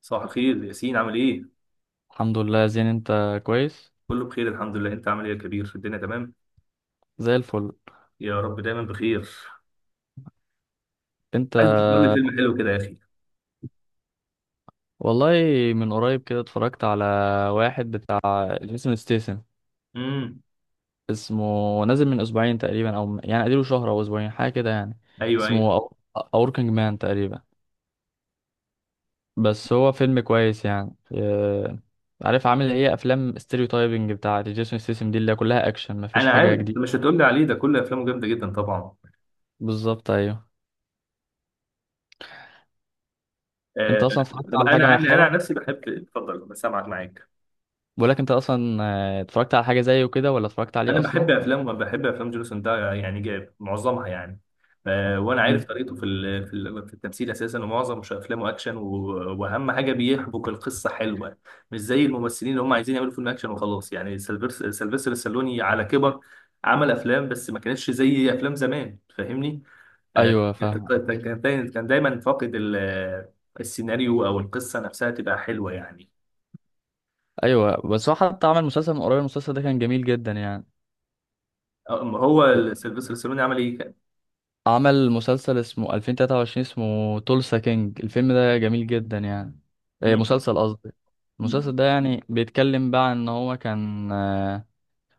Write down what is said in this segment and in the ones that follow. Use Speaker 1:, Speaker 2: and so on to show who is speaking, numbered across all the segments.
Speaker 1: صباح الخير ياسين، عامل ايه؟
Speaker 2: الحمد لله يا زين انت كويس.
Speaker 1: كله بخير الحمد لله، انت عامل ايه يا كبير الدنيا، تمام؟
Speaker 2: زي الفل.
Speaker 1: يا رب دايما بخير.
Speaker 2: انت
Speaker 1: عايز تختار لي فيلم حلو كده يا اخي.
Speaker 2: والله، من قريب كده اتفرجت على واحد بتاع جيسون ستيسن
Speaker 1: امم.
Speaker 2: اسمه، نازل من اسبوعين تقريبا او يعني اديله شهر او اسبوعين حاجه كده يعني.
Speaker 1: ايوه، ايوه.
Speaker 2: اسمه اوركينج مان تقريبا. بس هو فيلم كويس يعني. اه، عارف عامل ايه افلام ستيريوتايبنج بتاع جيسون ستيسن دي اللي هي كلها اكشن مفيش
Speaker 1: انا
Speaker 2: حاجه
Speaker 1: عارف انت
Speaker 2: جديده.
Speaker 1: مش هتقول لي عليه ده، كل افلامه جامده جدا طبعا.
Speaker 2: بالظبط ايوه. انت
Speaker 1: آه.
Speaker 2: اصلا اتفرجت
Speaker 1: طب
Speaker 2: على حاجه
Speaker 1: انا عن انا
Speaker 2: مؤخرا؟
Speaker 1: عن نفسي بحب اتفضل بسامعك معاك.
Speaker 2: بقولك انت اصلا اتفرجت على حاجه زيه كده ولا اتفرجت عليه
Speaker 1: انا
Speaker 2: اصلا؟
Speaker 1: بحب افلام جيسون ده، يعني جاب معظمها يعني. ف- وانا عارف طريقته في التمثيل اساسا، ومعظم مش افلامه اكشن، و- واهم حاجه بيحبك القصه حلوه. مش زي الممثلين اللي هم عايزين يعملوا فيلم اكشن وخلاص، يعني سيلفستر السالوني على كبر عمل افلام، بس ما كانتش زي افلام زمان، فاهمني؟ آه،
Speaker 2: ايوه فاهم.
Speaker 1: كان دايماً فاقد السيناريو، او القصه نفسها تبقى حلوه يعني.
Speaker 2: ايوه بس هو حتى عمل مسلسل من قريب، المسلسل ده كان جميل جدا يعني.
Speaker 1: أما هو سيلفستر السالوني عمل
Speaker 2: عمل مسلسل اسمه 2023، اسمه تولسا كينج، الفيلم ده جميل جدا يعني. إيه، مسلسل قصدي.
Speaker 1: ايه؟
Speaker 2: المسلسل ده يعني بيتكلم بقى ان هو كان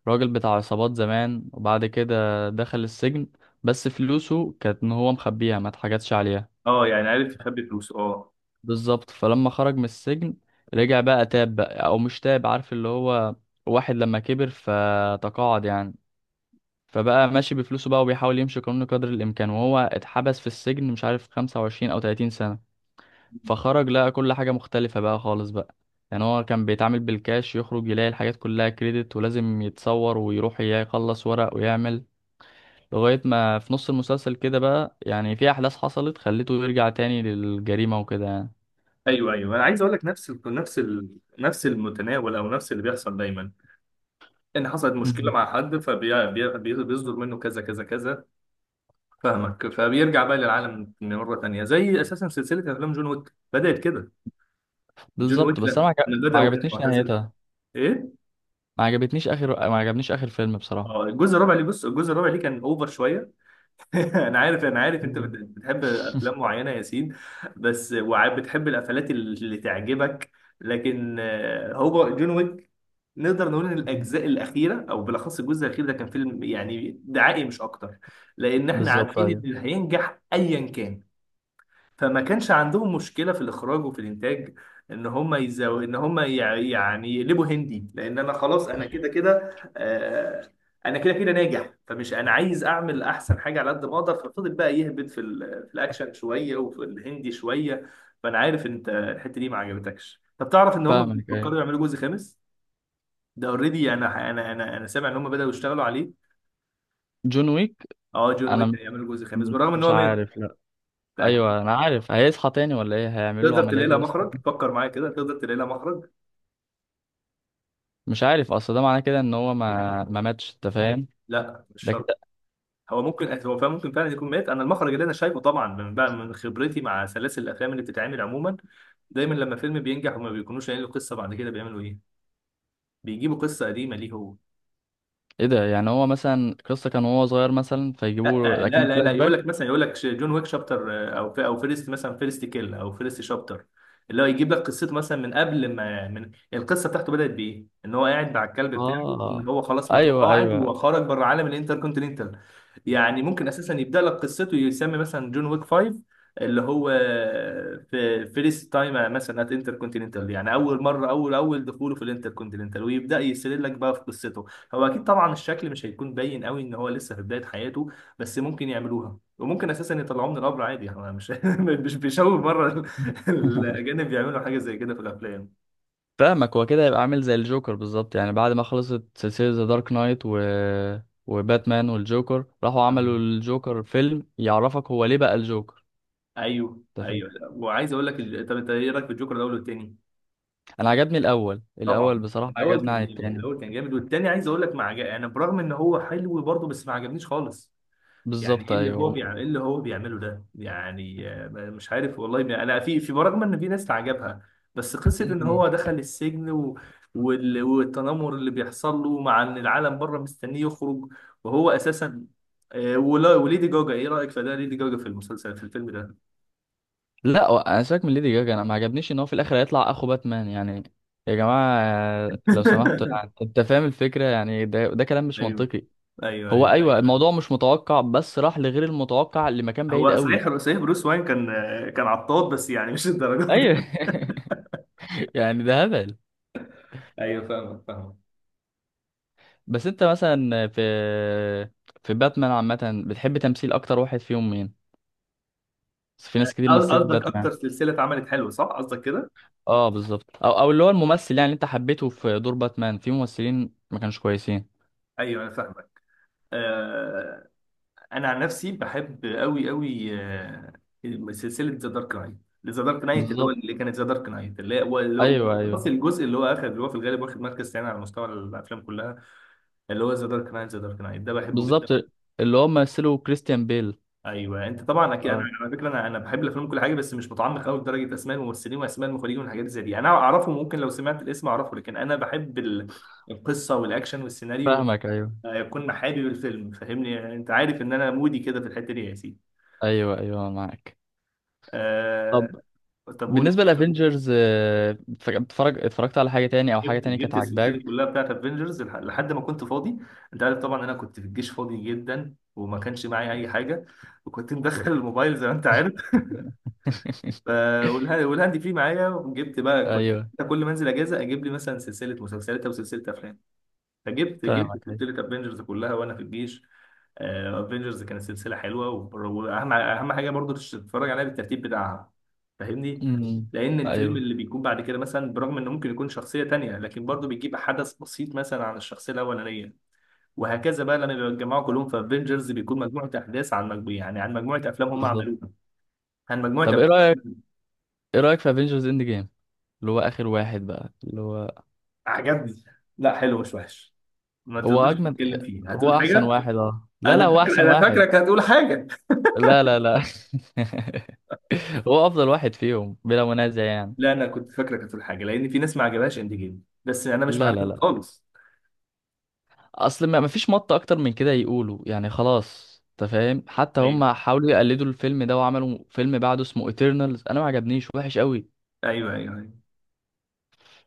Speaker 2: راجل بتاع عصابات زمان وبعد كده دخل السجن. بس فلوسه كانت ان هو مخبيها ما اتحاجتش عليها.
Speaker 1: اه، يعني عارف يخبي فلوسه، اه.
Speaker 2: بالظبط. فلما خرج من السجن رجع بقى، تاب بقى او مش تاب، عارف اللي هو واحد لما كبر فتقاعد يعني. فبقى ماشي بفلوسه بقى وبيحاول يمشي قانون قدر الإمكان، وهو اتحبس في السجن مش عارف 25 أو 30 سنة. فخرج لقى كل حاجة مختلفة بقى خالص بقى. يعني هو كان بيتعامل بالكاش، يخرج يلاقي الحاجات كلها كريدت ولازم يتصور ويروح يخلص ورق ويعمل. لغاية ما في نص المسلسل كده بقى يعني في أحداث حصلت خلته يرجع تاني للجريمة وكده يعني.
Speaker 1: ايوه، ايوه، انا عايز اقول لك نفس المتناول، او نفس اللي بيحصل دايما، ان حصلت مشكله
Speaker 2: مم.
Speaker 1: مع حد فبيصدر منه كذا كذا كذا. فاهمك، فبيرجع بقى للعالم مره تانيه، زي اساسا سلسله افلام جون ويك بدات كده. جون
Speaker 2: بالظبط
Speaker 1: ويك
Speaker 2: بس أنا
Speaker 1: لما بدا
Speaker 2: ما
Speaker 1: وكان
Speaker 2: عجبتنيش
Speaker 1: معتزل.
Speaker 2: نهايتها.
Speaker 1: ايه؟
Speaker 2: ما عجبتنيش آخر، ما عجبنيش آخر فيلم بصراحة.
Speaker 1: اه، الجزء الرابع اللي بص، الجزء الرابع اللي كان اوفر شويه. انا عارف انا عارف انت
Speaker 2: أيوة.
Speaker 1: بتحب افلام معينه يا سيد، بس وبتحب القفلات اللي تعجبك. لكن هو جون ويك، نقدر نقول ان
Speaker 2: مم.
Speaker 1: الاجزاء الاخيره، او بالاخص الجزء الاخير ده، كان فيلم يعني دعائي مش اكتر، لان احنا
Speaker 2: بالظبط
Speaker 1: عارفين ان
Speaker 2: أيوة.
Speaker 1: اللي هينجح ايا كان، فما كانش عندهم مشكله في الاخراج وفي الانتاج، ان هم يزو... ان هم يع- يعني يقلبوا هندي، لان انا خلاص انا كده كده، انا كده كده ناجح، فمش انا عايز اعمل احسن حاجه على قد ما اقدر، ففضل بقى يهبط في الاكشن شويه وفي الهندي شويه. فانا عارف انت الحته دي ما عجبتكش. طب تعرف ان هم
Speaker 2: فاهمك أيوة.
Speaker 1: بيفكروا يعملوا جزء خامس؟ ده اوريدي انا سامع ان هم بداوا يشتغلوا عليه.
Speaker 2: جون ويك
Speaker 1: اه، جون
Speaker 2: انا
Speaker 1: ويك
Speaker 2: م-
Speaker 1: هيعملوا جزء خامس
Speaker 2: م-
Speaker 1: بالرغم ان
Speaker 2: مش
Speaker 1: هو مات.
Speaker 2: عارف لا. ايوه انا عارف، هيصحى تاني ولا ايه؟ هيعمل له
Speaker 1: تقدر تلاقي
Speaker 2: عمليات
Speaker 1: لها
Speaker 2: ويصحى؟
Speaker 1: مخرج، فكر معايا كده، تقدر تلاقي لها مخرج.
Speaker 2: مش عارف، اصل ده معناه كده ان هو ما ماتش، انت فاهم؟
Speaker 1: لا، مش
Speaker 2: ده
Speaker 1: شرط.
Speaker 2: كده.
Speaker 1: هو فعلا ممكن فعلا يكون مات. انا المخرج اللي انا شايفه، طبعا من بقى من خبرتي مع سلاسل الافلام اللي بتتعمل عموما، دايما لما فيلم بينجح وما بيكونوش قايلين له قصه بعد كده بيعملوا ايه؟ بيجيبوا قصه قديمه ليه هو.
Speaker 2: ايه ده؟ يعني هو مثلا القصه كان وهو صغير مثلا، فيجيبوا له
Speaker 1: لا لا
Speaker 2: لكن
Speaker 1: لا
Speaker 2: فلاش
Speaker 1: لا، يقول
Speaker 2: باك.
Speaker 1: لك مثلا، جون ويك شابتر، او فيرست، مثلا فيرست كيل او فيرست شابتر، اللي هو يجيب لك قصته مثلا من قبل ما، من القصه بتاعته بدات بايه، ان هو قاعد مع الكلب بتاعه، ان
Speaker 2: اه
Speaker 1: هو خلاص
Speaker 2: ايوه
Speaker 1: متقاعد
Speaker 2: ايوه.
Speaker 1: وخرج بره عالم الانتركونتيننتال. يعني ممكن اساسا يبدا لك قصته، يسمي مثلا جون ويك 5، اللي هو في فيرست تايم مثلا ات انتركونتيننتال، يعني اول مره، اول دخوله في الانتركونتيننتال، ويبدا يسرد لك بقى في قصته. هو اكيد طبعا الشكل مش هيكون باين قوي ان هو لسه في بدايه حياته، بس ممكن يعملوها، وممكن اساسا يطلعوه من القبر عادي، احنا مش مش بيشوف بره الاجانب بيعملوا حاجه زي كده في الافلام.
Speaker 2: فاهمك. هو كده هيبقى عامل زي الجوكر بالظبط، يعني بعد ما خلصت سلسله ذا دارك نايت و وباتمان والجوكر، راحوا عملوا
Speaker 1: تمام.
Speaker 2: الجوكر فيلم يعرفك هو ليه بقى الجوكر.
Speaker 1: ايوه،
Speaker 2: انت.
Speaker 1: ايوه، وعايز اقول لك طب انت ايه رايك في الجوكر الاول والتاني؟
Speaker 2: انا عجبني الاول، الاول
Speaker 1: طبعا
Speaker 2: بصراحه
Speaker 1: الاول
Speaker 2: عجبني عن
Speaker 1: كان جامد،
Speaker 2: التاني.
Speaker 1: الاول كان جامد، والتاني عايز اقول لك ما عجب، يعني برغم ان هو حلو برضه، بس ما عجبنيش خالص. يعني
Speaker 2: بالظبط
Speaker 1: ايه اللي هو
Speaker 2: ايوه.
Speaker 1: بيعمل، ايه اللي هو بيعمله ده يعني؟ مش عارف والله، انا في برغم ان في ناس تعجبها، بس قصه ان
Speaker 2: مم.
Speaker 1: هو دخل السجن والتنمر اللي بيحصل له، مع ان العالم بره مستنيه يخرج، وهو اساسا، وليدي جوجا، ايه رايك في ده؟ ليدي جوجا في الفيلم ده.
Speaker 2: لا هو انا ساك من ليدي جاجا، انا ما عجبنيش ان هو في الاخر هيطلع اخو باتمان يعني. يا جماعه لو سمحتوا يعني، انت فاهم الفكره يعني، ده كلام مش
Speaker 1: ايوه،
Speaker 2: منطقي.
Speaker 1: ايوه،
Speaker 2: هو ايوه
Speaker 1: ايوه.
Speaker 2: ايوه، الموضوع مش متوقع بس راح لغير المتوقع لمكان بعيد
Speaker 1: هو
Speaker 2: قوي.
Speaker 1: صحيح، صحيح، بروس واين كان عطاط، بس يعني مش الدرجه دي.
Speaker 2: ايوه. يعني ده هبل.
Speaker 1: ايوه، فاهمك فاهمك.
Speaker 2: بس انت مثلا في باتمان عامه، بتحب تمثيل اكتر واحد فيهم مين؟ في ناس كتير مثلت
Speaker 1: قصدك اكتر
Speaker 2: باتمان.
Speaker 1: سلسله اتعملت حلوه، صح؟ قصدك كده.
Speaker 2: اه بالظبط، او اللي هو الممثل يعني، اللي انت حبيته في دور باتمان، في ممثلين ما كانوش كويسين.
Speaker 1: ايوه، انا فاهمك. آه، انا عن نفسي بحب قوي قوي سلسله ذا دارك نايت. ذا دارك نايت، اللي هو
Speaker 2: بالظبط.
Speaker 1: اللي كانت ذا دارك نايت
Speaker 2: ايوه ايوه.
Speaker 1: خلاص، الجزء اللي هو في الغالب واخد مركز ثاني على مستوى الافلام كلها، اللي هو ذا دارك نايت، ذا دارك نايت ده بحبه
Speaker 2: بالظبط.
Speaker 1: جدا.
Speaker 2: اللي هو مثله كريستيان بيل.
Speaker 1: ايوه، انت طبعا اكيد. انا
Speaker 2: اه
Speaker 1: على فكره، انا بحب الافلام كل حاجه، بس مش متعمق قوي لدرجه اسماء الممثلين واسماء المخرجين والحاجات زي دي، انا اعرفه ممكن لو سمعت الاسم اعرفه، لكن انا بحب القصه والاكشن والسيناريو،
Speaker 2: فاهمك ايوه.
Speaker 1: وإن يكون حابب الفيلم، فاهمني؟ انت عارف ان انا مودي كده في الحته دي يا سيدي.
Speaker 2: ايوه ايوه معاك.
Speaker 1: آه.
Speaker 2: طب
Speaker 1: طب قولي.
Speaker 2: بالنسبه لافنجرز، اتفرجت على حاجه تاني او حاجه
Speaker 1: جبت
Speaker 2: تاني كانت
Speaker 1: جبت
Speaker 2: عاجباك؟
Speaker 1: السلسله كلها بتاعت افنجرز لحد ما كنت فاضي، انت عارف طبعا انا كنت في الجيش فاضي جدا، وما كانش معايا اي حاجه، وكنت مدخل الموبايل زي ما انت عارف ف- والهاند فري معايا، وجبت بقى، كنت
Speaker 2: ايوه
Speaker 1: كل ما انزل اجازه اجيب لي مثلا سلسله مسلسلات او سلسله افلام، فجبت
Speaker 2: فاهمك ايوه.
Speaker 1: سلسله افنجرز كلها وانا في الجيش. افنجرز كانت سلسله حلوه، واهم حاجه برضو تتفرج عليها بالترتيب بتاعها، فاهمني؟
Speaker 2: امم.
Speaker 1: لان الفيلم
Speaker 2: ايوه
Speaker 1: اللي بيكون بعد كده مثلا، برغم انه ممكن يكون شخصيه تانية، لكن برضو بيجيب حدث بسيط مثلا عن الشخصيه الاولانيه، وهكذا بقى. لما بيتجمعوا كلهم في افنجرز بيكون مجموعه احداث عن مجموعه، يعني عن مجموعه افلام هم
Speaker 2: بالظبط.
Speaker 1: عملوها، عن مجموعه
Speaker 2: طب
Speaker 1: أفلام.
Speaker 2: ايه رايك، ايه رايك في افنجرز اند جيم، اللي هو اخر واحد بقى اللي هو.
Speaker 1: عجبني. لا، حلو، مش وحش. ما
Speaker 2: هو
Speaker 1: تقدرش
Speaker 2: اجمد.
Speaker 1: تتكلم فيه،
Speaker 2: هو
Speaker 1: هتقول
Speaker 2: احسن
Speaker 1: حاجه.
Speaker 2: واحد، اه لا لا، هو احسن
Speaker 1: انا
Speaker 2: واحد.
Speaker 1: فاكرك هتقول حاجه.
Speaker 2: لا لا لا. هو افضل واحد فيهم بلا منازع يعني.
Speaker 1: لا، انا كنت فاكره كانت الحاجه، لان في ناس ما عجبهاش اند جيم، بس انا مش مع
Speaker 2: لا لا
Speaker 1: الناس
Speaker 2: لا.
Speaker 1: خالص.
Speaker 2: اصل ما فيش مط اكتر من كده يقولوا يعني، خلاص انت فاهم، حتى هم
Speaker 1: ايوه،
Speaker 2: حاولوا يقلدوا الفيلم ده وعملوا فيلم بعده اسمه ايترنالز انا ما عجبنيش، وحش قوي.
Speaker 1: ايوه، ايوه، ايوه.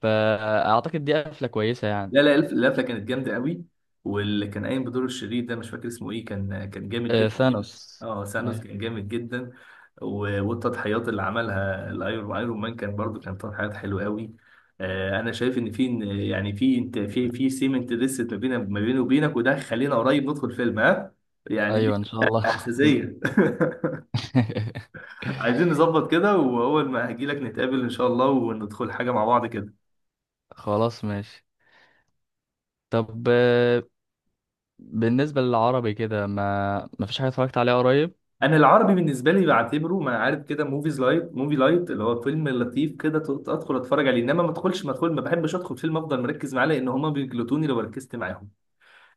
Speaker 2: فاعتقد دي قفله كويسه يعني.
Speaker 1: لا لا، القفله كانت جامده قوي، واللي كان قايم بدور الشرير ده مش فاكر اسمه ايه، كان جامد
Speaker 2: آه
Speaker 1: جدا.
Speaker 2: ثانوس.
Speaker 1: اه، سانوس
Speaker 2: أيوة.
Speaker 1: كان جامد جدا. والتضحيات اللي عملها الايرون مان كان برضو، كان تضحيات حلوه قوي. انا شايف ان في، يعني في، انت في سيمنت لسه ما بيني وبينك، وده خلينا قريب ندخل فيلم ها، يعني دي
Speaker 2: ايوه ان شاء الله.
Speaker 1: اساسيه. عايزين نظبط كده، واول ما هجيلك نتقابل ان شاء الله وندخل حاجه مع بعض كده.
Speaker 2: خلاص ماشي. طب بالنسبة للعربي كده، ما فيش حاجة اتفرجت عليها قريب.
Speaker 1: انا العربي بالنسبه لي بعتبره ما عارف كده، موفي لايت، اللي هو فيلم لطيف كده، ادخل اتفرج عليه، انما ما بحبش ادخل فيلم افضل مركز معاه، لان هما بيجلطوني لو ركزت معاهم.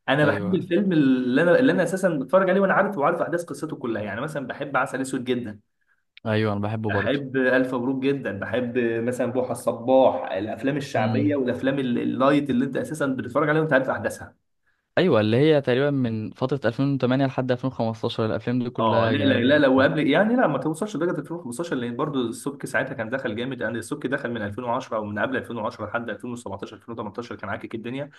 Speaker 1: انا بحب
Speaker 2: ايوه
Speaker 1: الفيلم اللي انا اساسا بتفرج عليه، وانا عارف احداث قصته كلها. يعني مثلا بحب عسل اسود جدا.
Speaker 2: ايوه انا بحبه برضه.
Speaker 1: بحب الف مبروك جدا. بحب مثلا بوحه الصباح، الافلام الشعبيه
Speaker 2: امم.
Speaker 1: والافلام اللايت اللي انت اساسا بتتفرج عليها وانت عارف احداثها.
Speaker 2: ايوه، اللي هي تقريبا من فترة 2008 لحد 2015، الافلام دي
Speaker 1: اه،
Speaker 2: كلها
Speaker 1: لا لا
Speaker 2: جميلة
Speaker 1: لا، لو
Speaker 2: جدا.
Speaker 1: قبل، يعني لا، ما توصلش لدرجه 2015، لان برضو السبك ساعتها كان دخل جامد، يعني السبك دخل من 2010 او من قبل 2010 لحد 2017 2018، كان عاكك الدنيا.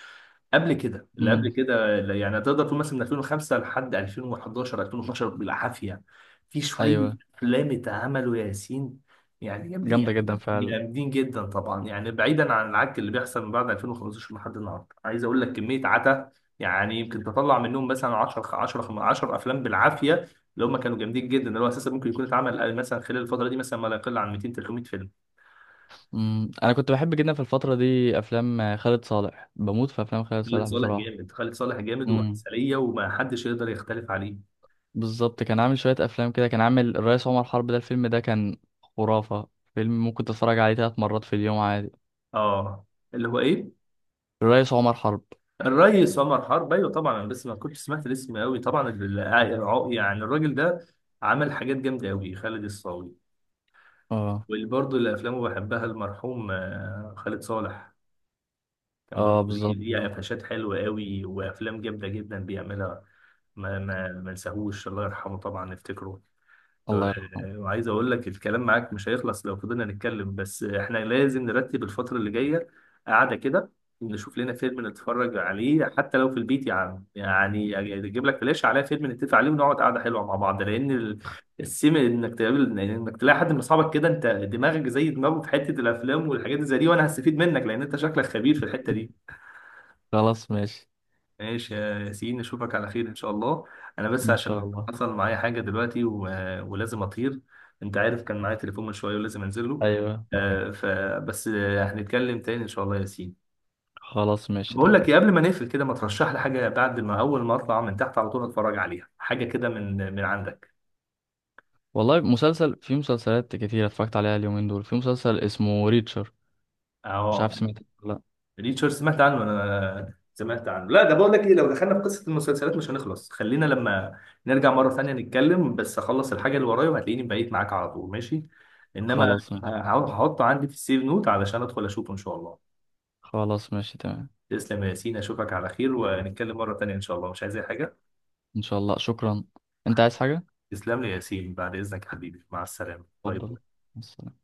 Speaker 1: قبل
Speaker 2: امم.
Speaker 1: كده اللي يعني تقدر تقول مثلا من 2005 لحد 2011 2012 بالعافيه. في شويه
Speaker 2: ايوه.
Speaker 1: افلام اتعملوا يا ياسين، يعني
Speaker 2: جامدة
Speaker 1: جامدين،
Speaker 2: جدا فعلا.
Speaker 1: جامدين جدا طبعا، يعني بعيدا عن العك اللي بيحصل من بعد 2015 لحد النهارده، عايز اقول لك كميه عتا، يعني يمكن تطلع منهم مثلا 10 10 10 افلام بالعافيه اللي هم كانوا جامدين جدا، اللي هو اساسا ممكن يكون اتعمل مثلا خلال الفتره دي مثلا ما لا يقل عن 200 300 فيلم.
Speaker 2: امم. انا كنت بحب جدا في الفترة دي افلام خالد صالح، بموت في افلام خالد
Speaker 1: خالد
Speaker 2: صالح
Speaker 1: صالح
Speaker 2: بصراحة.
Speaker 1: جامد، خالد صالح جامد
Speaker 2: امم.
Speaker 1: وعسليه، وما حدش يقدر يختلف عليه.
Speaker 2: بالظبط، كان عامل شوية افلام كده، كان عامل الرئيس عمر حرب، ده الفيلم ده كان خرافة. فيلم ممكن تتفرج عليه ثلاث مرات في اليوم عادي.
Speaker 1: اه، اللي هو ايه؟
Speaker 2: الرئيس عمر حرب.
Speaker 1: الريس عمر حرب، ايوه طبعا، انا بس ما كنتش سمعت الاسم قوي طبعا. يعني الراجل ده عمل حاجات جامده قوي، خالد الصاوي،
Speaker 2: اه.
Speaker 1: واللي برضه اللي افلامه بحبها المرحوم خالد صالح، كان برضه ليه
Speaker 2: اه.
Speaker 1: ليه قفشات حلوه قوي وافلام جامده جدا بيعملها. ما نساهوش، الله يرحمه طبعا، نفتكره. آه،
Speaker 2: الله يرحمه.
Speaker 1: وعايز اقول لك الكلام معاك مش هيخلص لو فضلنا نتكلم، بس احنا لازم نرتب الفترة اللي جاية، قعدة كده، نشوف لنا فيلم نتفرج عليه، حتى لو في البيت يا عم، يعني اجيب لك فلاش عليها فيلم نتفق عليه ونقعد قعدة حلوة مع بعض، لان السيم انك تقابل، انك تلاقي حد من اصحابك كده، انت دماغك زي دماغه في حتة الافلام والحاجات اللي زي دي، وانا هستفيد منك لان انت شكلك خبير في الحتة دي.
Speaker 2: خلاص ماشي.
Speaker 1: ماشي يا ياسين، اشوفك على خير ان شاء الله. انا بس
Speaker 2: ان شاء
Speaker 1: عشان
Speaker 2: الله.
Speaker 1: حصل معايا حاجه دلوقتي ولازم اطير، انت عارف كان معايا تليفون من شويه ولازم انزل له.
Speaker 2: ايوه.
Speaker 1: فبس، هنتكلم تاني ان شاء الله يا ياسين.
Speaker 2: خلاص ماشي
Speaker 1: بقول
Speaker 2: تمام.
Speaker 1: لك ايه، قبل ما نقفل كده، ما ترشح لي حاجه بعد ما اول ما اطلع من تحت على طول اتفرج عليها، حاجه كده من من عندك.
Speaker 2: والله مسلسل، في مسلسلات كتير اتفرجت عليها اليومين دول، في مسلسل اسمه ريتشر. مش
Speaker 1: اه،
Speaker 2: عارف سمعت ولا لا.
Speaker 1: ريتشارد، سمعت عنه انا سمعت عنه. لا، ده بقول لك ايه، لو دخلنا في قصه المسلسلات مش هنخلص، خلينا لما نرجع مره ثانيه نتكلم، بس اخلص الحاجه اللي ورايا وهتلاقيني بقيت معاك على طول، ماشي؟ انما
Speaker 2: خلاص ماشي.
Speaker 1: هحطه عندي في السيف نوت علشان ادخل اشوفه ان شاء الله.
Speaker 2: خلاص ماشي تمام.
Speaker 1: تسلم يا ياسين، اشوفك على خير، ونتكلم مره ثانيه ان شاء الله. مش عايز اي حاجه.
Speaker 2: ان شاء الله شكرا. انت عايز حاجة؟
Speaker 1: تسلم لي يا ياسين، بعد اذنك يا حبيبي، مع السلامه، باي
Speaker 2: اتفضل
Speaker 1: باي.
Speaker 2: مع السلامة.